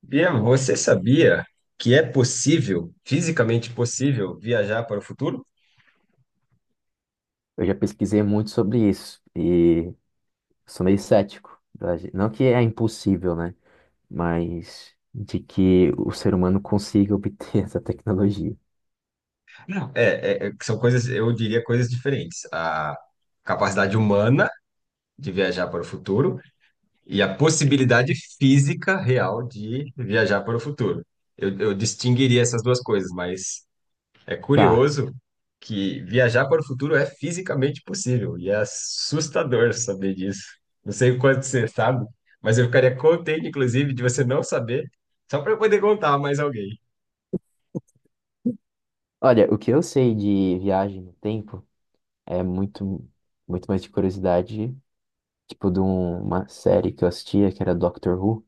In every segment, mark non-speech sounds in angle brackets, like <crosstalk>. Bia, você sabia que é possível, fisicamente possível, viajar para o futuro? Eu já pesquisei muito sobre isso e sou meio cético. Não que é impossível, né? Mas de que o ser humano consiga obter <laughs> essa tecnologia. Não. É, são coisas, eu diria coisas diferentes. A capacidade humana de viajar para o futuro e a possibilidade física real de viajar para o futuro. Eu distinguiria essas duas coisas, mas é Tá. curioso que viajar para o futuro é fisicamente possível e é assustador saber disso. Não sei o quanto você sabe, mas eu ficaria contente, inclusive, de você não saber, só para eu poder contar a mais alguém. Olha, o que eu sei de viagem no tempo é muito mais de curiosidade, tipo de uma série que eu assistia que era Doctor Who,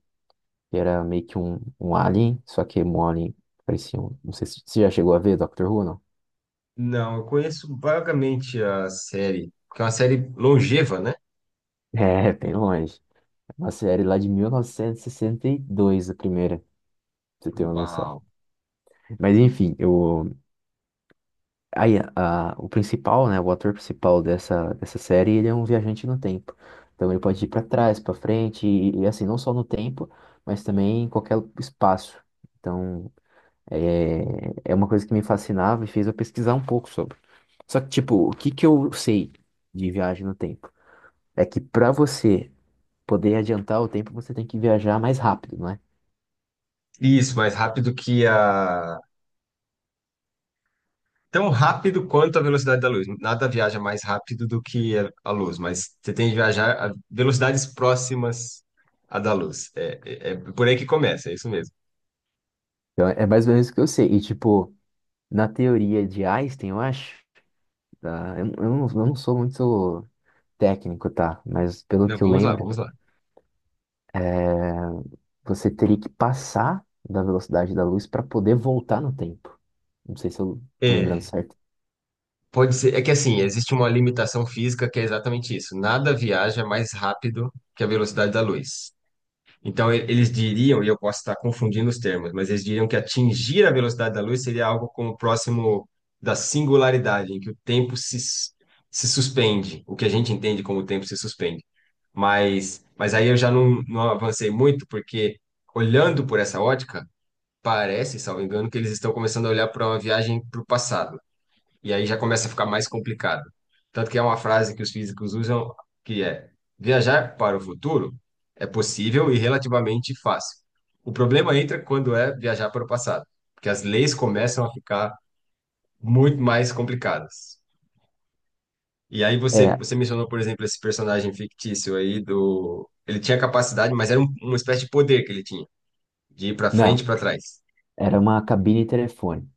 que era meio que um alien, só que um alien parecia um. Não sei se você já chegou a ver Doctor Who, não? <laughs> Não, eu conheço vagamente a série, porque é uma série longeva, né? É, bem longe. É uma série lá de mil novecentos e sessenta e dois, a primeira. Você tem uma Uau! noção. Mas enfim, o principal, né, o ator principal dessa série, ele é um viajante no tempo. Então ele pode ir para trás, para frente, assim, não só no tempo, mas também em qualquer espaço. Então é uma coisa que me fascinava e fez eu pesquisar um pouco sobre. Só que, tipo, o que que eu sei de viagem no tempo? É que para você poder adiantar o tempo, você tem que viajar mais rápido, não é? Isso, mais rápido que a tão rápido quanto a velocidade da luz. Nada viaja mais rápido do que a luz, mas você tem que viajar a velocidades próximas à da luz. É por aí que começa, é isso mesmo. Então é mais ou menos o que eu sei. E, tipo, na teoria de Einstein, eu acho. Tá, eu não sou muito técnico, tá? Mas pelo Não, que eu vamos lá, lembro, vamos lá. é, você teria que passar da velocidade da luz para poder voltar no tempo. Não sei se eu tô lembrando É, certo. pode ser, é que assim, existe uma limitação física que é exatamente isso. Nada viaja mais rápido que a velocidade da luz. Então, eles diriam, e eu posso estar confundindo os termos, mas eles diriam que atingir a velocidade da luz seria algo como próximo da singularidade, em que o tempo se suspende, o que a gente entende como o tempo se suspende. Mas aí eu já não avancei muito, porque olhando por essa ótica, parece, salvo engano, que eles estão começando a olhar para uma viagem para o passado. E aí já começa a ficar mais complicado. Tanto que é uma frase que os físicos usam, que é: viajar para o futuro é possível e relativamente fácil. O problema entra quando é viajar para o passado, porque as leis começam a ficar muito mais complicadas. E aí você, É, você mencionou, por exemplo, esse personagem fictício aí do. Ele tinha capacidade, mas era um, uma espécie de poder que ele tinha, de ir para frente e não, para trás. era uma cabine telefone.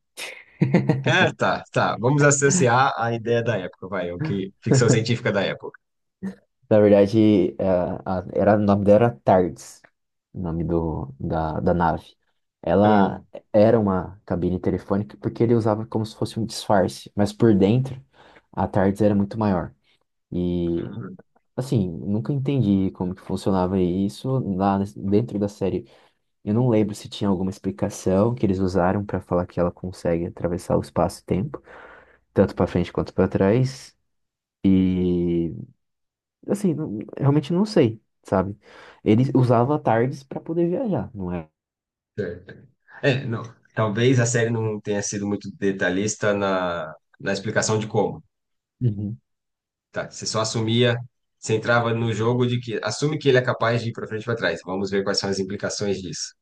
É, tá, tá. Vamos associar a ideia da época, vai, o que ficção científica da época. Na verdade, o nome dela era TARDIS, o nome da nave. Ela Hum. era uma cabine telefônica porque ele usava como se fosse um disfarce, mas por dentro a TARDIS era muito maior. E assim, nunca entendi como que funcionava isso dentro da série. Eu não lembro se tinha alguma explicação que eles usaram para falar que ela consegue atravessar o espaço e tempo, tanto para frente quanto para trás. E assim, realmente não sei, sabe? Ele usava tardes para poder viajar, não é? Certo. É, não, talvez a série não tenha sido muito detalhista na, explicação de como, Uhum. <laughs> tá? Você só assumia, você entrava no jogo de que assume que ele é capaz de ir para frente e para trás. Vamos ver quais são as implicações disso,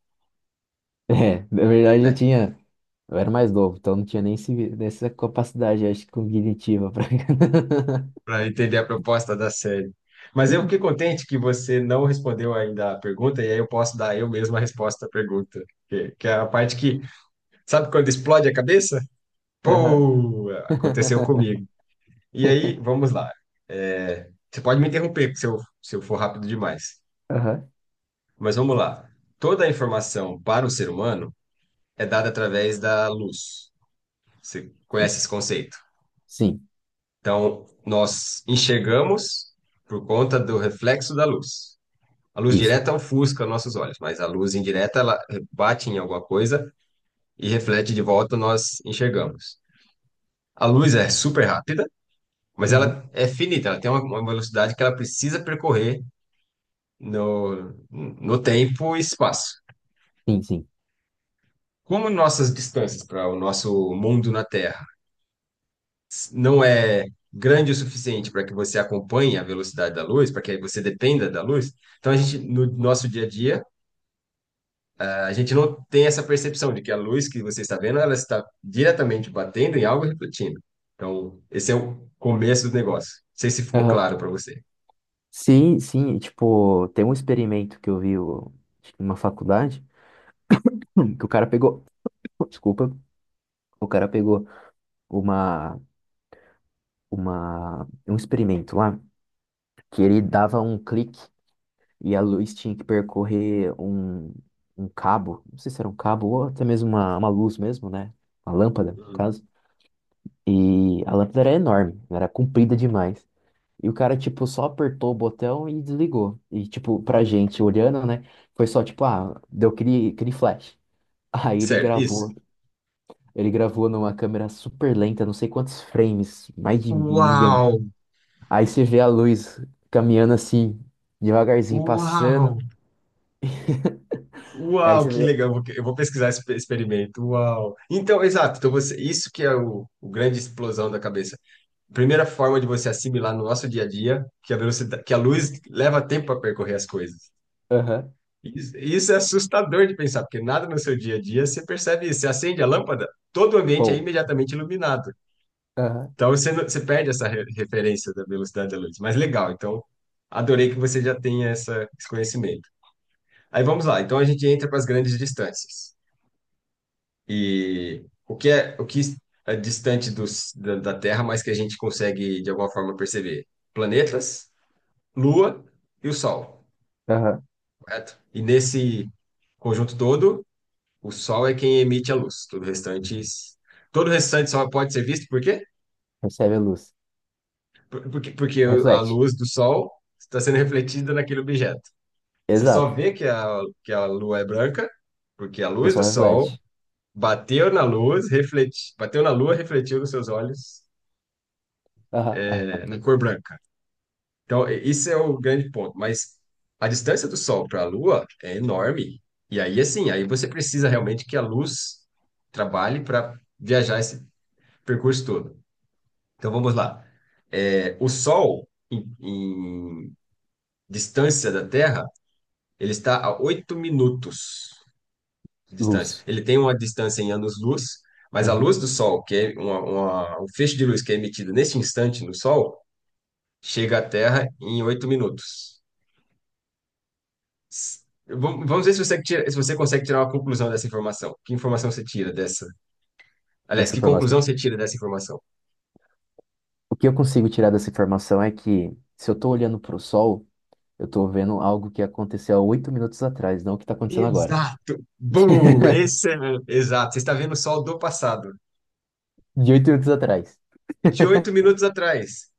É, na verdade eu né? tinha, eu era mais novo, então não tinha nem essa capacidade, acho, que cognitiva para. Para entender a proposta da série. Mas eu fiquei contente que você não respondeu ainda a pergunta, e aí eu posso dar eu mesmo a resposta à pergunta, que é a parte que, sabe quando explode a cabeça? <laughs> Aham. Pô, aconteceu <laughs> comigo. E aí, vamos lá. É, você pode me interromper se eu for rápido demais. Aham. Mas vamos lá. Toda a informação para o ser humano é dada através da luz. Você conhece esse conceito? Sim, Então, nós enxergamos por conta do reflexo da luz. A luz isso. direta ofusca nossos olhos, mas a luz indireta, ela bate em alguma coisa e reflete de volta, nós enxergamos. A luz é super rápida, mas Uhum. ela é finita, ela tem uma velocidade que ela precisa percorrer no tempo e espaço. Sim, sim. Como nossas distâncias para o nosso mundo na Terra não é grande o suficiente para que você acompanhe a velocidade da luz, para que aí você dependa da luz, então a gente, no nosso dia a dia, a gente não tem essa percepção de que a luz que você está vendo, ela está diretamente batendo em algo e refletindo. Então, esse é o começo do negócio. Não sei se ficou Aham. claro para você. Sim, sim. Tipo, tem um experimento que eu vi acho que numa faculdade que o cara pegou. <coughs> Desculpa. O cara pegou uma, um experimento lá que ele dava um clique e a luz tinha que percorrer um cabo. Não sei se era um cabo ou até mesmo uma luz mesmo, né? Uma lâmpada, no Hum. caso. E a lâmpada era enorme, era comprida demais. E o cara, tipo, só apertou o botão e desligou. E, tipo, pra gente olhando, né? Foi só, tipo, ah, deu aquele flash. <laughs> Aí ele Certo, isso. gravou. Ele gravou numa câmera super lenta, não sei quantos frames, mais de milhão. Uau! Aí você vê a luz caminhando assim, devagarzinho Uau! passando. <laughs> Aí Uau, você que vê, legal. Eu vou pesquisar esse experimento. Uau. Então, exato. Então você, isso que é o grande explosão da cabeça. Primeira forma de você assimilar no nosso dia a dia que a velocidade, que a luz leva tempo para percorrer as coisas. aham, Isso é assustador de pensar, porque nada no seu dia a dia você percebe isso. Você acende a lâmpada, todo o ambiente é pô, imediatamente iluminado. aham, Então você, você perde essa referência da velocidade da luz. Mas legal. Então, adorei que você já tenha esse conhecimento. Aí vamos lá. Então a gente entra para as grandes distâncias. E o que é distante da Terra, mas que a gente consegue de alguma forma perceber? Planetas, Lua e o Sol, aham. correto? E nesse conjunto todo, o Sol é quem emite a luz. Todo o restante só pode ser visto por quê? Recebe a luz. Porque a Reflete. luz do Sol está sendo refletida naquele objeto. Você só Exato. vê que a Lua é branca, porque a Porque o luz do sol Sol reflete. bateu na luz, refleti, bateu na Lua, refletiu nos seus olhos, Aham, é, aham. na cor branca. Então, isso é o grande ponto. Mas a distância do Sol para a Lua é enorme. E aí, assim, aí você precisa realmente que a luz trabalhe para viajar esse percurso todo. Então, vamos lá. É, o Sol, em distância da Terra, ele está a 8 minutos de distância. Luz. Ele tem uma distância em anos-luz, mas a luz Aham. do Sol, que é um feixe de luz que é emitido neste instante no Sol, chega à Terra em 8 minutos. S- vamos ver se você, se você consegue tirar uma conclusão dessa informação. Que informação você tira dessa? Aliás, Essa que informação. conclusão você tira dessa informação? O que eu consigo tirar dessa informação é que, se eu estou olhando para o sol, eu estou vendo algo que aconteceu há 8 minutos atrás, não o que está acontecendo agora. Exato! <laughs> Boom! Esse é... Exato, você está vendo o sol do passado, De 8 minutos atrás. de oito <laughs> minutos atrás.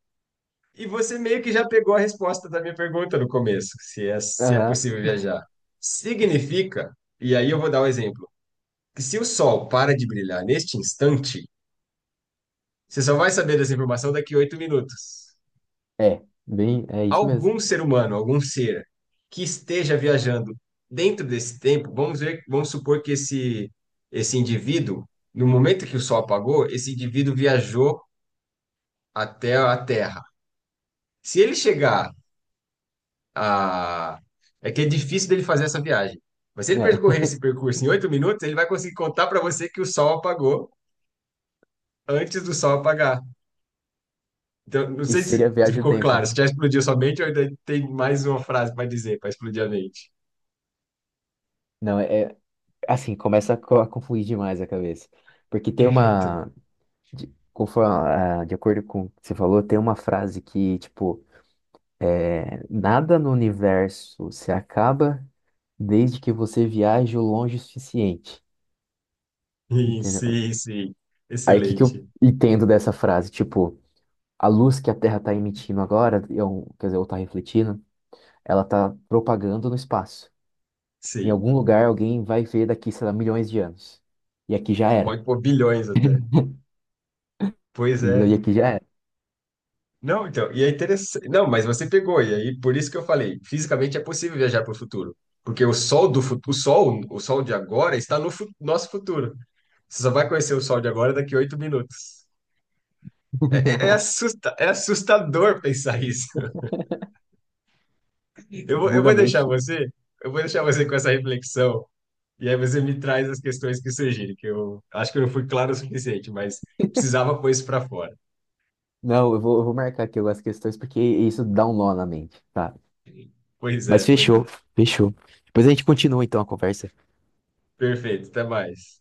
E você meio que já pegou a resposta da minha pergunta no começo, se é, se é Aham, possível viajar. Significa, e aí eu vou dar um exemplo, que se o sol para de brilhar neste instante, você só vai saber dessa informação daqui a 8 minutos. é, bem, é isso mesmo. Algum ser humano, algum ser que esteja viajando dentro desse tempo, vamos ver, vamos supor que esse indivíduo, no momento que o sol apagou, esse indivíduo viajou até a Terra. Se ele chegar a... É que é difícil dele fazer essa viagem. Mas se ele É. percorrer <laughs> esse percurso em 8 minutos, ele vai conseguir contar para você que o sol apagou antes do sol apagar. Então, não sei Isso se seria viagem no ficou tempo. claro, se já explodiu sua mente ou ainda tem mais uma frase para dizer, para explodir a mente. Não, assim, começa a confundir demais a cabeça. Porque tem É, então, uma, de, conforme, ah, de acordo com o que você falou, tem uma frase que, tipo, é, nada no universo se acaba desde que você viaje o longe o suficiente. sim, Entendeu? sim, sim. Aí o que que eu Excelente. entendo dessa frase? Tipo, a luz que a Terra está emitindo agora, quer dizer, ou está refletindo, ela está propagando no espaço. Em Sim. algum lugar alguém vai ver daqui, sei lá, milhões de anos. E aqui já era. Pode pôr bilhões até. Pois Entendeu? E é. aqui já era. Não, então, e é interessante. Não, mas você pegou, e aí por isso que eu falei, fisicamente é possível viajar para o futuro. Porque o sol do futuro, o sol de agora está no nosso futuro. Você só vai conhecer o sol de agora daqui a 8 minutos. É, é assustador pensar isso. <laughs> Eu vou, eu Buga a vou deixar mente. você, eu vou deixar você com essa reflexão. E aí você me traz as questões que surgirem, que eu acho que eu não fui claro o suficiente, mas precisava pôr isso para fora. Não, eu vou marcar aqui algumas questões porque isso dá um nó na mente, tá? Pois é, Mas pois é. fechou, fechou. Depois a gente continua então a conversa. Perfeito, até mais.